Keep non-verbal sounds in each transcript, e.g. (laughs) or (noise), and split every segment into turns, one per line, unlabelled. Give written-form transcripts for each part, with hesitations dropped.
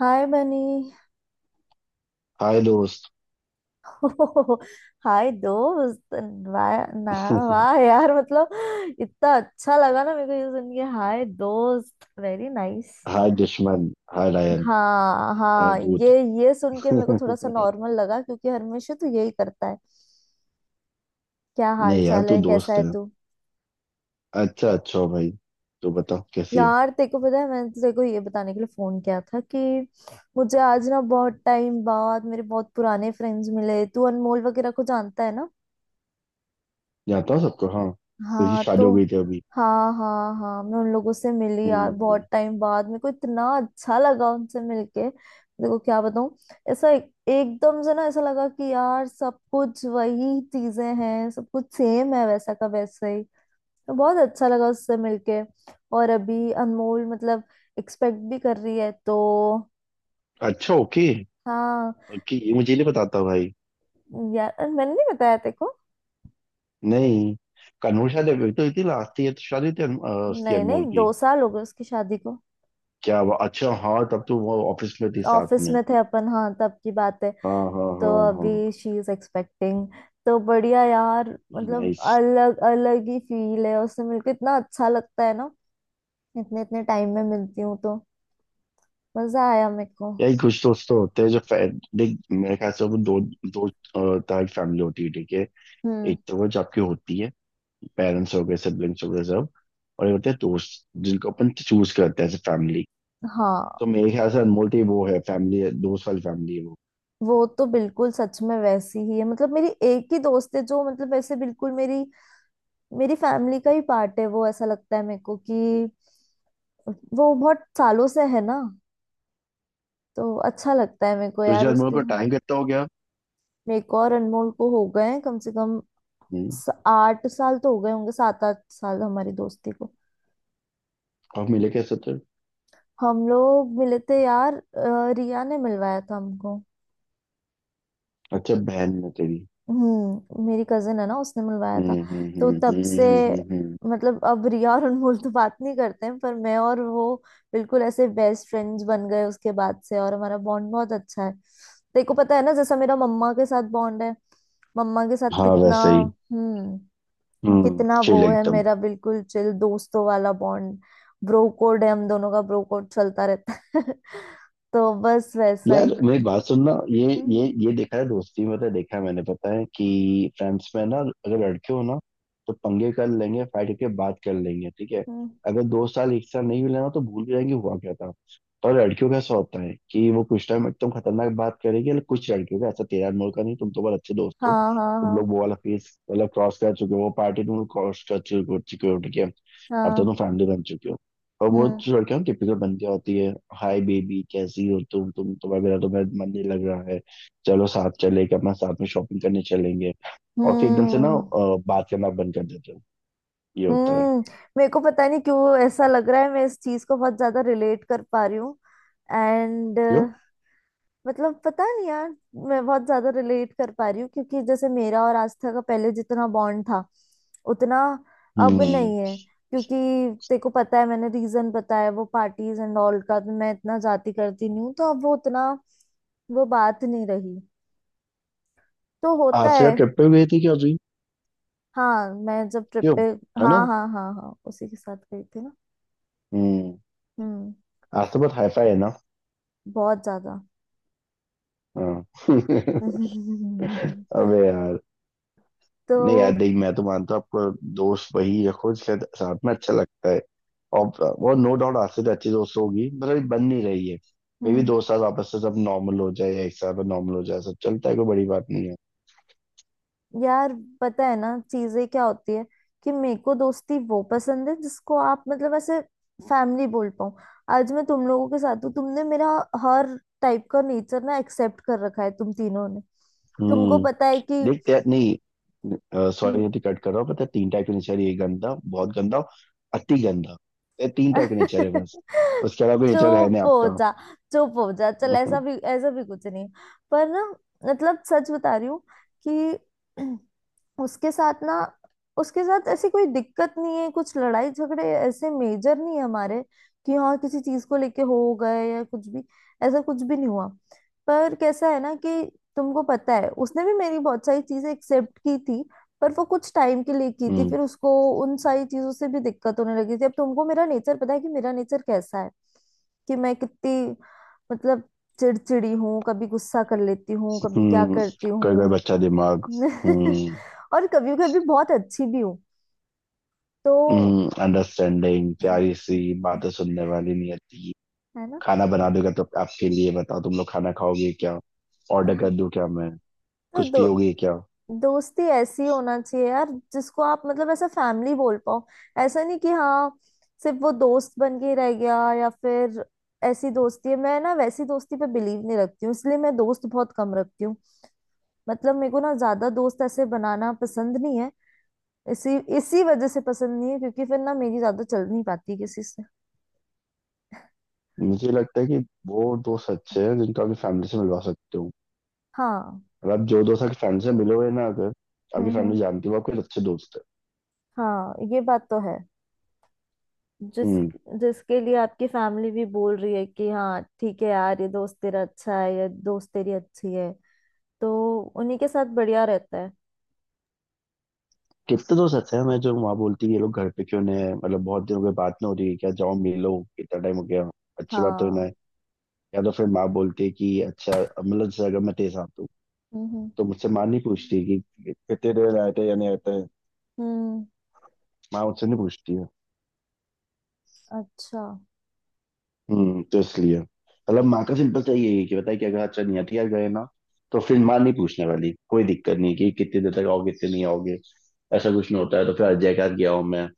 हाय bunny.
Hi दोस्त।
(laughs) हाय दोस्त। वाह ना। वाह
(laughs)
यार मतलब इतना अच्छा लगा ना मेरे को ये सुन के हाय दोस्त, वेरी नाइस।
हाय दुश्मन। Hi lion.
हाँ
हाय
हाँ, ये
भूत।
ये सुन
(laughs)
के मेरे को थोड़ा सा
नहीं,
नॉर्मल लगा क्योंकि हमेशा तो यही करता है। क्या हाल
यार
चाल
तू
है, कैसा
दोस्त
है
है।
तू?
अच्छा अच्छा भाई, तो बता कैसी है।
यार तेरे को पता है मैंने तो तेरे को ये बताने के लिए फोन किया था कि मुझे आज ना बहुत टाइम बाद मेरे बहुत पुराने फ्रेंड्स मिले। तू अनमोल वगैरह को जानता है ना।
जानता हूँ सबको, हाँ। तेरी
हाँ
शादी हो
तो,
गई थी अभी।
हाँ हाँ हाँ मैं उन लोगों से मिली यार
हम्म।
बहुत टाइम बाद, मेरे को इतना अच्छा लगा उनसे मिलके। देखो क्या बताऊं। ऐसा एकदम से ना ऐसा लगा कि यार सब कुछ वही चीजें हैं, सब कुछ सेम है वैसा का वैसे ही। तो बहुत अच्छा लगा उससे मिलके। और अभी अनमोल मतलब एक्सपेक्ट भी कर रही है तो।
अच्छा, ओके।
हाँ,
ओके, ये मुझे नहीं पता था भाई।
यार मैंने नहीं बताया तेको।
नहीं, कन्नूर शादी अभी तो इतनी लास्ट ईयर तो शादी थी उसकी,
नहीं नहीं,
अनमोल
दो
की।
साल हो गए उसकी शादी को।
क्या हुआ? अच्छा हाँ, तब तो वो ऑफिस में थी साथ
ऑफिस
में।
में थे अपन हाँ, तब की बात है।
हाँ हाँ हाँ
तो
हाँ।
अभी शी इज एक्सपेक्टिंग। तो बढ़िया यार। मतलब
नाइस।
अलग अलग ही फील है उससे मिलकर, इतना अच्छा लगता है ना। इतने इतने टाइम में मिलती हूँ तो मजा आया मेरे को।
यही कुछ दोस्त तो होते हैं जो देख, मेरे ख्याल से वो दो, दो तरह की फैमिली होती है ठीक है।
हम्म।
एक तो वो जो आपकी होती है, पेरेंट्स हो गए सिबलिंग्स हो गए सब। और ये होते हैं दोस्त जिनको अपन चूज करते हैं एज फैमिली।
हाँ
तो मेरे ख्याल से अनमोल की वो है फैमिली, दोस्त वाली फैमिली है वो।
वो तो बिल्कुल सच में वैसी ही है, मतलब मेरी एक ही दोस्त है जो मतलब वैसे बिल्कुल मेरी, मेरी फैमिली का ही पार्ट है वो, ऐसा लगता है मेरे को कि वो बहुत सालों से है ना। तो अच्छा लगता है मेरे को
तुझे
यार
अनमोल
उसके।
को टाइम कितना हो गया।
मेरे को और अनमोल को हो गए हैं कम से कम,
हम्म।
8 साल तो हो गए होंगे, 7 8 साल हमारी दोस्ती को।
आप मिले कैसे थे।
हम लोग मिले थे यार, रिया ने मिलवाया था हमको।
अच्छा, बहन है तेरी।
हम्म, मेरी कजिन है ना, उसने मिलवाया था।
हम्म हम्म
तो
हम्म
तब
हम्म
से,
हम्म हम्म, हम्म।
मतलब अब रिया और अनमोल तो बात नहीं करते हैं पर मैं और वो बिल्कुल ऐसे बेस्ट फ्रेंड्स बन गए उसके बाद से। और हमारा बॉन्ड बहुत अच्छा है, तेरे को पता है ना जैसा मेरा मम्मा के साथ बॉन्ड है, मम्मा के साथ
हाँ
कितना।
वैसे ही।
हम्म।
हम्म,
कितना
चिल
वो है
एकदम।
मेरा बिल्कुल चिल दोस्तों वाला बॉन्ड। ब्रो कोड है हम दोनों का, ब्रो कोड चलता रहता है। (laughs) तो बस वैसा
यार
ही।
मेरी बात सुनना,
हम्म।
ये देखा है दोस्ती में, तो देखा है मैंने, पता है कि फ्रेंड्स में ना अगर लड़के हो ना, तो पंगे कर लेंगे, फाइट करके बात कर लेंगे ठीक है।
हम्म,
अगर दो साल एक साल नहीं मिले ना तो भूल जाएंगे हुआ क्या था। पर लड़कियों का ऐसा होता है कि वो कुछ टाइम एकदम खतरनाक बात करेगी, लेकिन कुछ लड़कियों का ऐसा तेरा मोड़ का नहीं, तुम तो बहुत अच्छे दोस्त हो।
हाँ हाँ
तुम
हाँ
लोग वो वाला फेस मतलब क्रॉस कर चुके हो, वो पार्टी तुम लोग क्रॉस कर चुके हो, ठीक है। अब तो
हाँ।
तुम फैमिली बन चुके हो। और वो
हम्म
लड़कियों की टिपिकल बनती होती है। हाय बेबी कैसी हो तुम तुम्हारा, मेरा तो मेरा मन नहीं लग रहा है, चलो साथ चले कि अपना साथ में शॉपिंग करने चलेंगे। और फिर एकदम से ना
हम्म
बात करना बंद कर देते हो। ये होता है।
हम्म। मेरे को पता नहीं क्यों ऐसा लग रहा है, मैं इस चीज को बहुत ज्यादा रिलेट कर पा रही हूँ। एंड,
क्यों।
मतलब पता नहीं यार, मैं बहुत ज्यादा रिलेट कर पा रही हूँ क्योंकि जैसे मेरा और आस्था का पहले जितना बॉन्ड था, उतना अब
हम्म।
नहीं है क्योंकि तेरे को पता है मैंने रीजन बताया वो पार्टीज एंड ऑल का, तो मैं इतना जाती करती नहीं हूँ तो अब वो उतना, वो बात नहीं रही। तो होता
आज का
है।
ट्रिप पे गई थी क्या अभी।
हाँ, मैं जब ट्रिप
क्यों।
पे।
है ना।
हाँ हाँ हाँ हाँ, उसी के साथ गई थी ना।
हम्म।
हम्म।
आज तो बहुत हाई फाई है ना।
बहुत ज्यादा।
हाँ। (laughs)
(laughs)
अबे यार।
तो।
नहीं यार देख, मैं तो मानता हूँ आपको। दोस्त वही रखो, शायद साथ में अच्छा लगता है। और वो नो डाउट आज से तो अच्छी दोस्त होगी, मतलब अभी बन नहीं रही है। मे भी
हम्म।
दो साल वापस से सब नॉर्मल हो जाए या एक साल में नॉर्मल हो जाए, सब चलता है, कोई बड़ी बात नहीं है।
यार, पता है ना चीजें क्या होती है कि मेरे को दोस्ती वो पसंद है जिसको आप मतलब ऐसे फैमिली बोल पाऊं। आज मैं तुम लोगों के साथ हूँ, तुमने मेरा हर टाइप का नेचर ना एक्सेप्ट कर रखा है तुम तीनों ने। तुमको
हम्म।
पता है कि।
देखते हैं, नहीं सॉरी
हम्म।
अति कट कर रहा हूँ, पता है तीन टाइप के नेचर, ये गंदा, बहुत गंदा और अति गंदा। ये तीन टाइप के नेचर है बस।
(laughs)
उसके अलावा कोई नेचर है नहीं
चुप हो
आपका।
जा। चुप हो जा चल,
(laughs)
ऐसा भी कुछ नहीं। पर ना, मतलब सच बता रही हूँ कि (clears throat) उसके साथ ना, उसके साथ ऐसी कोई दिक्कत नहीं है, कुछ लड़ाई झगड़े ऐसे मेजर नहीं है हमारे कि हाँ किसी चीज को लेके हो गए या कुछ भी, ऐसा कुछ भी नहीं हुआ। पर कैसा है ना कि तुमको पता है उसने भी मेरी बहुत सारी चीजें एक्सेप्ट की थी, पर वो कुछ टाइम के लिए की थी,
हम्म।
फिर उसको उन सारी चीजों से भी दिक्कत होने लगी थी। अब तुमको मेरा नेचर पता है कि मेरा नेचर कैसा है, कि मैं कितनी, मतलब चिड़चिड़ी हूँ, कभी गुस्सा कर लेती हूँ, कभी क्या
हम्म।
करती
कोई कोई
हूँ,
बच्चा दिमाग। हम्म।
(laughs) और कभी कभी बहुत अच्छी भी हूँ। तो
अंडरस्टैंडिंग, प्यारी सी बातें सुनने वाली नियति।
है ना।
खाना बना दूंगा तो आपके लिए, बताओ तुम लोग खाना खाओगे क्या। ऑर्डर
हाँ,
कर दूं क्या मैं।
तो
कुछ
दो
पियोगे क्या।
दोस्ती ऐसी होना चाहिए यार जिसको आप मतलब ऐसा फैमिली बोल पाओ। ऐसा नहीं कि हाँ, सिर्फ वो दोस्त बन के रह गया या फिर ऐसी दोस्ती है। मैं ना वैसी दोस्ती पे बिलीव नहीं रखती हूँ, इसलिए मैं दोस्त बहुत कम रखती हूँ। मतलब मेरे को ना ज्यादा दोस्त ऐसे बनाना पसंद नहीं है, इसी इसी वजह से पसंद नहीं है क्योंकि फिर ना मेरी ज्यादा चल नहीं पाती किसी से।
मुझे लगता है कि वो दोस्त अच्छे हैं जिनको आपकी फैमिली से मिलवा सकते हो।
हाँ।
और आप जो दोस्त आपकी फैमिली से मिलोगे ना, अगर आपकी
हम्म।
फैमिली जानती है वो आपके अच्छे दोस्त है।
हाँ ये बात तो है। जिस
हम्म।
जिसके लिए आपकी फैमिली भी बोल रही है कि हाँ ठीक है यार, ये दोस्त तेरा अच्छा है, ये दोस्त तेरी अच्छी है, तो उन्हीं के साथ बढ़िया रहता है।
कितने दोस्त अच्छे हैं मैं, जो वहाँ बोलती है ये लोग घर पे क्यों नहीं है, मतलब बहुत दिन हो गए बात नहीं हो रही है क्या, जाओ मिलो कितना टाइम हो गया। अच्छी बात तो ना है।
हाँ।
या तो फिर माँ बोलती है कि अच्छा, मतलब जैसे अगर मैं तेज आता हूँ
हम्म
तो मुझसे माँ नहीं पूछती है कि कितने देर आए थे या नहीं आए थे।
हम्म।
माँ मुझसे नहीं पूछती है।
अच्छा।
हम्म, तो इसलिए मतलब माँ का सिंपल सा यही है कि बताइए कि अगर अच्छा नहीं हथियार गए ना, तो फिर
हम्म।
माँ नहीं पूछने वाली, कोई दिक्कत नहीं कि कितनी देर तक आओगे कितने नहीं आओगे। ऐसा कुछ नहीं होता है, तो फिर अजय के साथ गया हूँ मैं।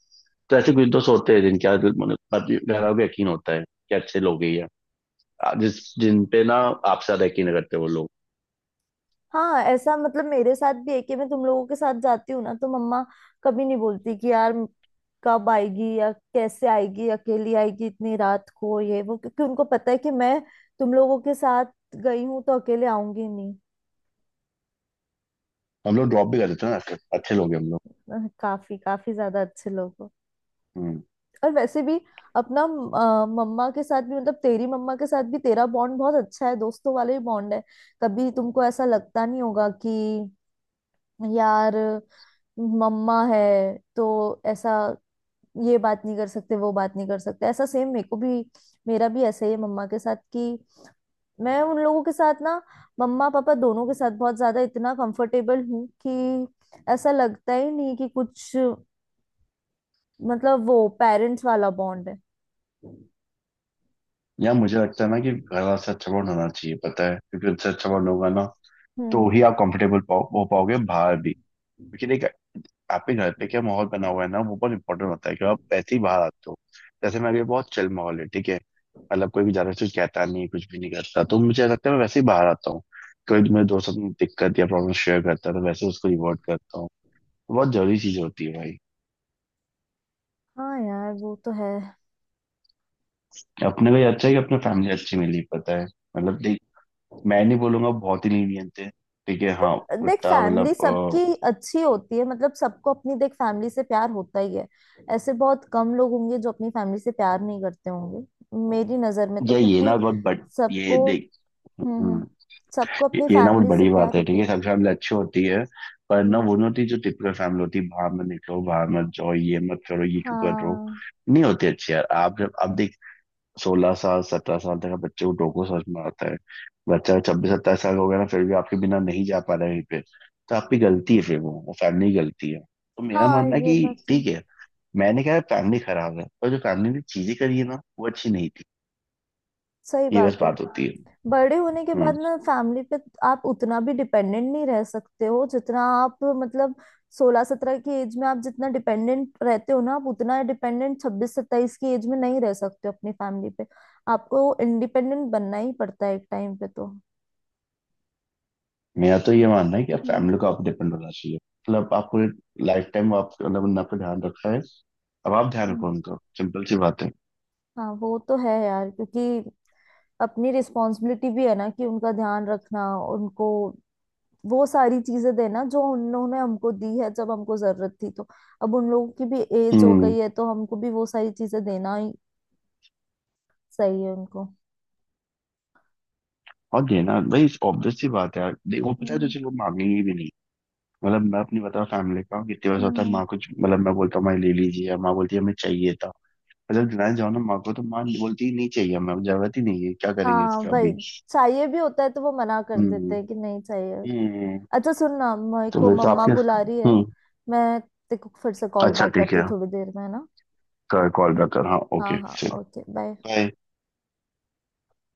तो ऐसे कुछ दोस्त होते हैं जिनके आज मतलब बाकी घर वालों को यकीन होता है कि अच्छे लोग ही है। जिस जिन पे ना आपसे ज्यादा यकीन करते हैं वो लोग।
हाँ ऐसा मतलब मेरे साथ भी है कि मैं तुम लोगों के साथ जाती हूँ ना तो मम्मा कभी नहीं बोलती कि यार, कब आएगी या कैसे आएगी, अकेली आएगी इतनी रात को ये वो, क्योंकि उनको पता है कि मैं तुम लोगों के साथ गई हूँ तो अकेले आऊंगी।
हम लोग ड्रॉप भी कर देते हैं ना, ऐसे अच्छे लोग हैं हम
काफी काफी ज्यादा अच्छे लोग हो।
लोग।
और वैसे भी अपना मम्मा के साथ भी मतलब तेरी मम्मा के साथ भी तेरा बॉन्ड बहुत अच्छा है, दोस्तों वाले बॉन्ड है। कभी तुमको ऐसा लगता नहीं होगा कि यार मम्मा है तो ऐसा ये बात नहीं कर सकते वो बात नहीं कर सकते। ऐसा सेम मेरे को भी, मेरा भी ऐसा ही है मम्मा के साथ कि मैं उन लोगों के साथ ना, मम्मा पापा दोनों के साथ बहुत ज्यादा इतना कंफर्टेबल हूँ कि ऐसा लगता ही नहीं कि कुछ, मतलब वो पेरेंट्स वाला बॉन्ड है।
या मुझे लगता है ना कि घर वाला से अच्छा बॉन्ड होना चाहिए, पता है क्योंकि उनसे अच्छा बॉन्ड होगा ना तो
हम्म।
ही आप हो पाओगे बाहर भी। क्योंकि देख, आपके घर पे क्या माहौल बना हुआ है ना वो बहुत इंपॉर्टेंट होता है, कि आप ऐसे ही बाहर आते हो। जैसे मेरे बहुत चिल माहौल है ठीक है, मतलब कोई भी ज्यादा कुछ कहता नहीं, कुछ भी नहीं करता, तो मुझे लगता है मैं वैसे ही बाहर आता हूँ। कोई मेरे दोस्त अपनी दिक्कत या प्रॉब्लम शेयर करता है तो वैसे उसको रिवॉर्ड करता हूँ। बहुत जरूरी चीज होती है भाई।
हाँ यार वो तो है।
अपने लिए अच्छा है कि अपने फैमिली अच्छी मिली, पता है मतलब। देख मैं नहीं बोलूंगा बहुत ही लीनियंट थे, ठीक है हाँ।
देख
उतना
फैमिली
मतलब
सबकी अच्छी होती है, मतलब सबको अपनी देख फैमिली से प्यार होता ही है। ऐसे बहुत कम लोग होंगे जो अपनी फैमिली से प्यार नहीं करते होंगे, मेरी नजर में
अ,
तो,
या ये
क्योंकि
ना बहुत बड़ ये
सबको।
देख।
हम्म।
हम्म,
सबको अपनी
ये ना बहुत
फैमिली से
बड़ी बात
प्यार
है
होता
ठीक है,
ही है।
सब फैमिली अच्छी होती है। पर ना
हम्म।
वो नहीं होती जो टिपिकल फैमिली होती है, बाहर मत निकलो, बाहर मत जाओ, ये मत करो, ये क्यों कर रहे हो।
हाँ
नहीं होती अच्छी यार, आप जब, अब देख 16 साल 17 साल तक आप बच्चे को टोको समझ में आता है। बच्चा 26 27 साल हो गया ना फिर भी आपके बिना नहीं जा पा रहा है कहीं पे, तो आपकी गलती है, फिर वो फैमिली की गलती है। तो मेरा
हाँ
मानना है
ये
कि
बात तो है।
ठीक है, मैंने कहा फैमिली खराब है, और जो फैमिली में चीजें करी है ना वो अच्छी नहीं थी,
सही
ये बस
बात है।
बात होती है।
बड़े होने के
हम्म।
बाद ना फैमिली पे आप उतना भी डिपेंडेंट नहीं रह सकते हो जितना आप मतलब 16 17 की एज में आप जितना डिपेंडेंट रहते हो ना, आप उतना डिपेंडेंट 26 27 की एज में नहीं रह सकते हो अपनी फैमिली पे। आपको इंडिपेंडेंट बनना ही पड़ता है एक टाइम पे तो।
मेरा तो ये मानना है कि आप
हम्म।
फैमिली को आप डिपेंड होना चाहिए, मतलब आप पूरे लाइफ टाइम आप मतलब उन पे ध्यान रखा है, अब आप ध्यान रखो
हम्म।
उनका, सिंपल सी बात है।
हाँ वो तो है यार, क्योंकि अपनी रिस्पॉन्सिबिलिटी भी है ना कि उनका ध्यान रखना, उनको वो सारी चीजें देना जो उन्होंने हमको दी है जब हमको जरूरत थी, तो अब उन लोगों की भी एज हो
हम्म।
गई है तो हमको भी वो सारी चीजें देना ही सही है उनको।
और देना भाई ऑब्वियस सी बात है यार, देखो पता है
हम्म
तुझे वो मांगेंगे भी नहीं। मतलब मैं अपनी बताऊँ फैमिली का, कितने बार
हम्म
होता है
हम्म।
माँ कुछ मतलब मैं बोलता हूँ माँ ले लीजिए, या माँ बोलती है हमें चाहिए था। और जब दिलाने जाओ ना माँ को तो माँ बोलती है, नहीं चाहिए हमें, अब जरूरत ही नहीं है, क्या करेंगे
हाँ
इसका
वही
अभी।
चाहिए भी होता है तो वो मना कर
हम्म।
देते हैं कि नहीं चाहिए।
हम्म,
अच्छा सुन ना, मेरे
तो
को
फिर तो
मम्मा
आपके।
बुला रही है,
हम्म।
मैं तेको फिर से कॉल
अच्छा
बैक
ठीक
करती
है,
हूँ थोड़ी देर में, है ना।
कॉल बैक कर, हाँ ओके,
हाँ हाँ ओके बाय।
बाय।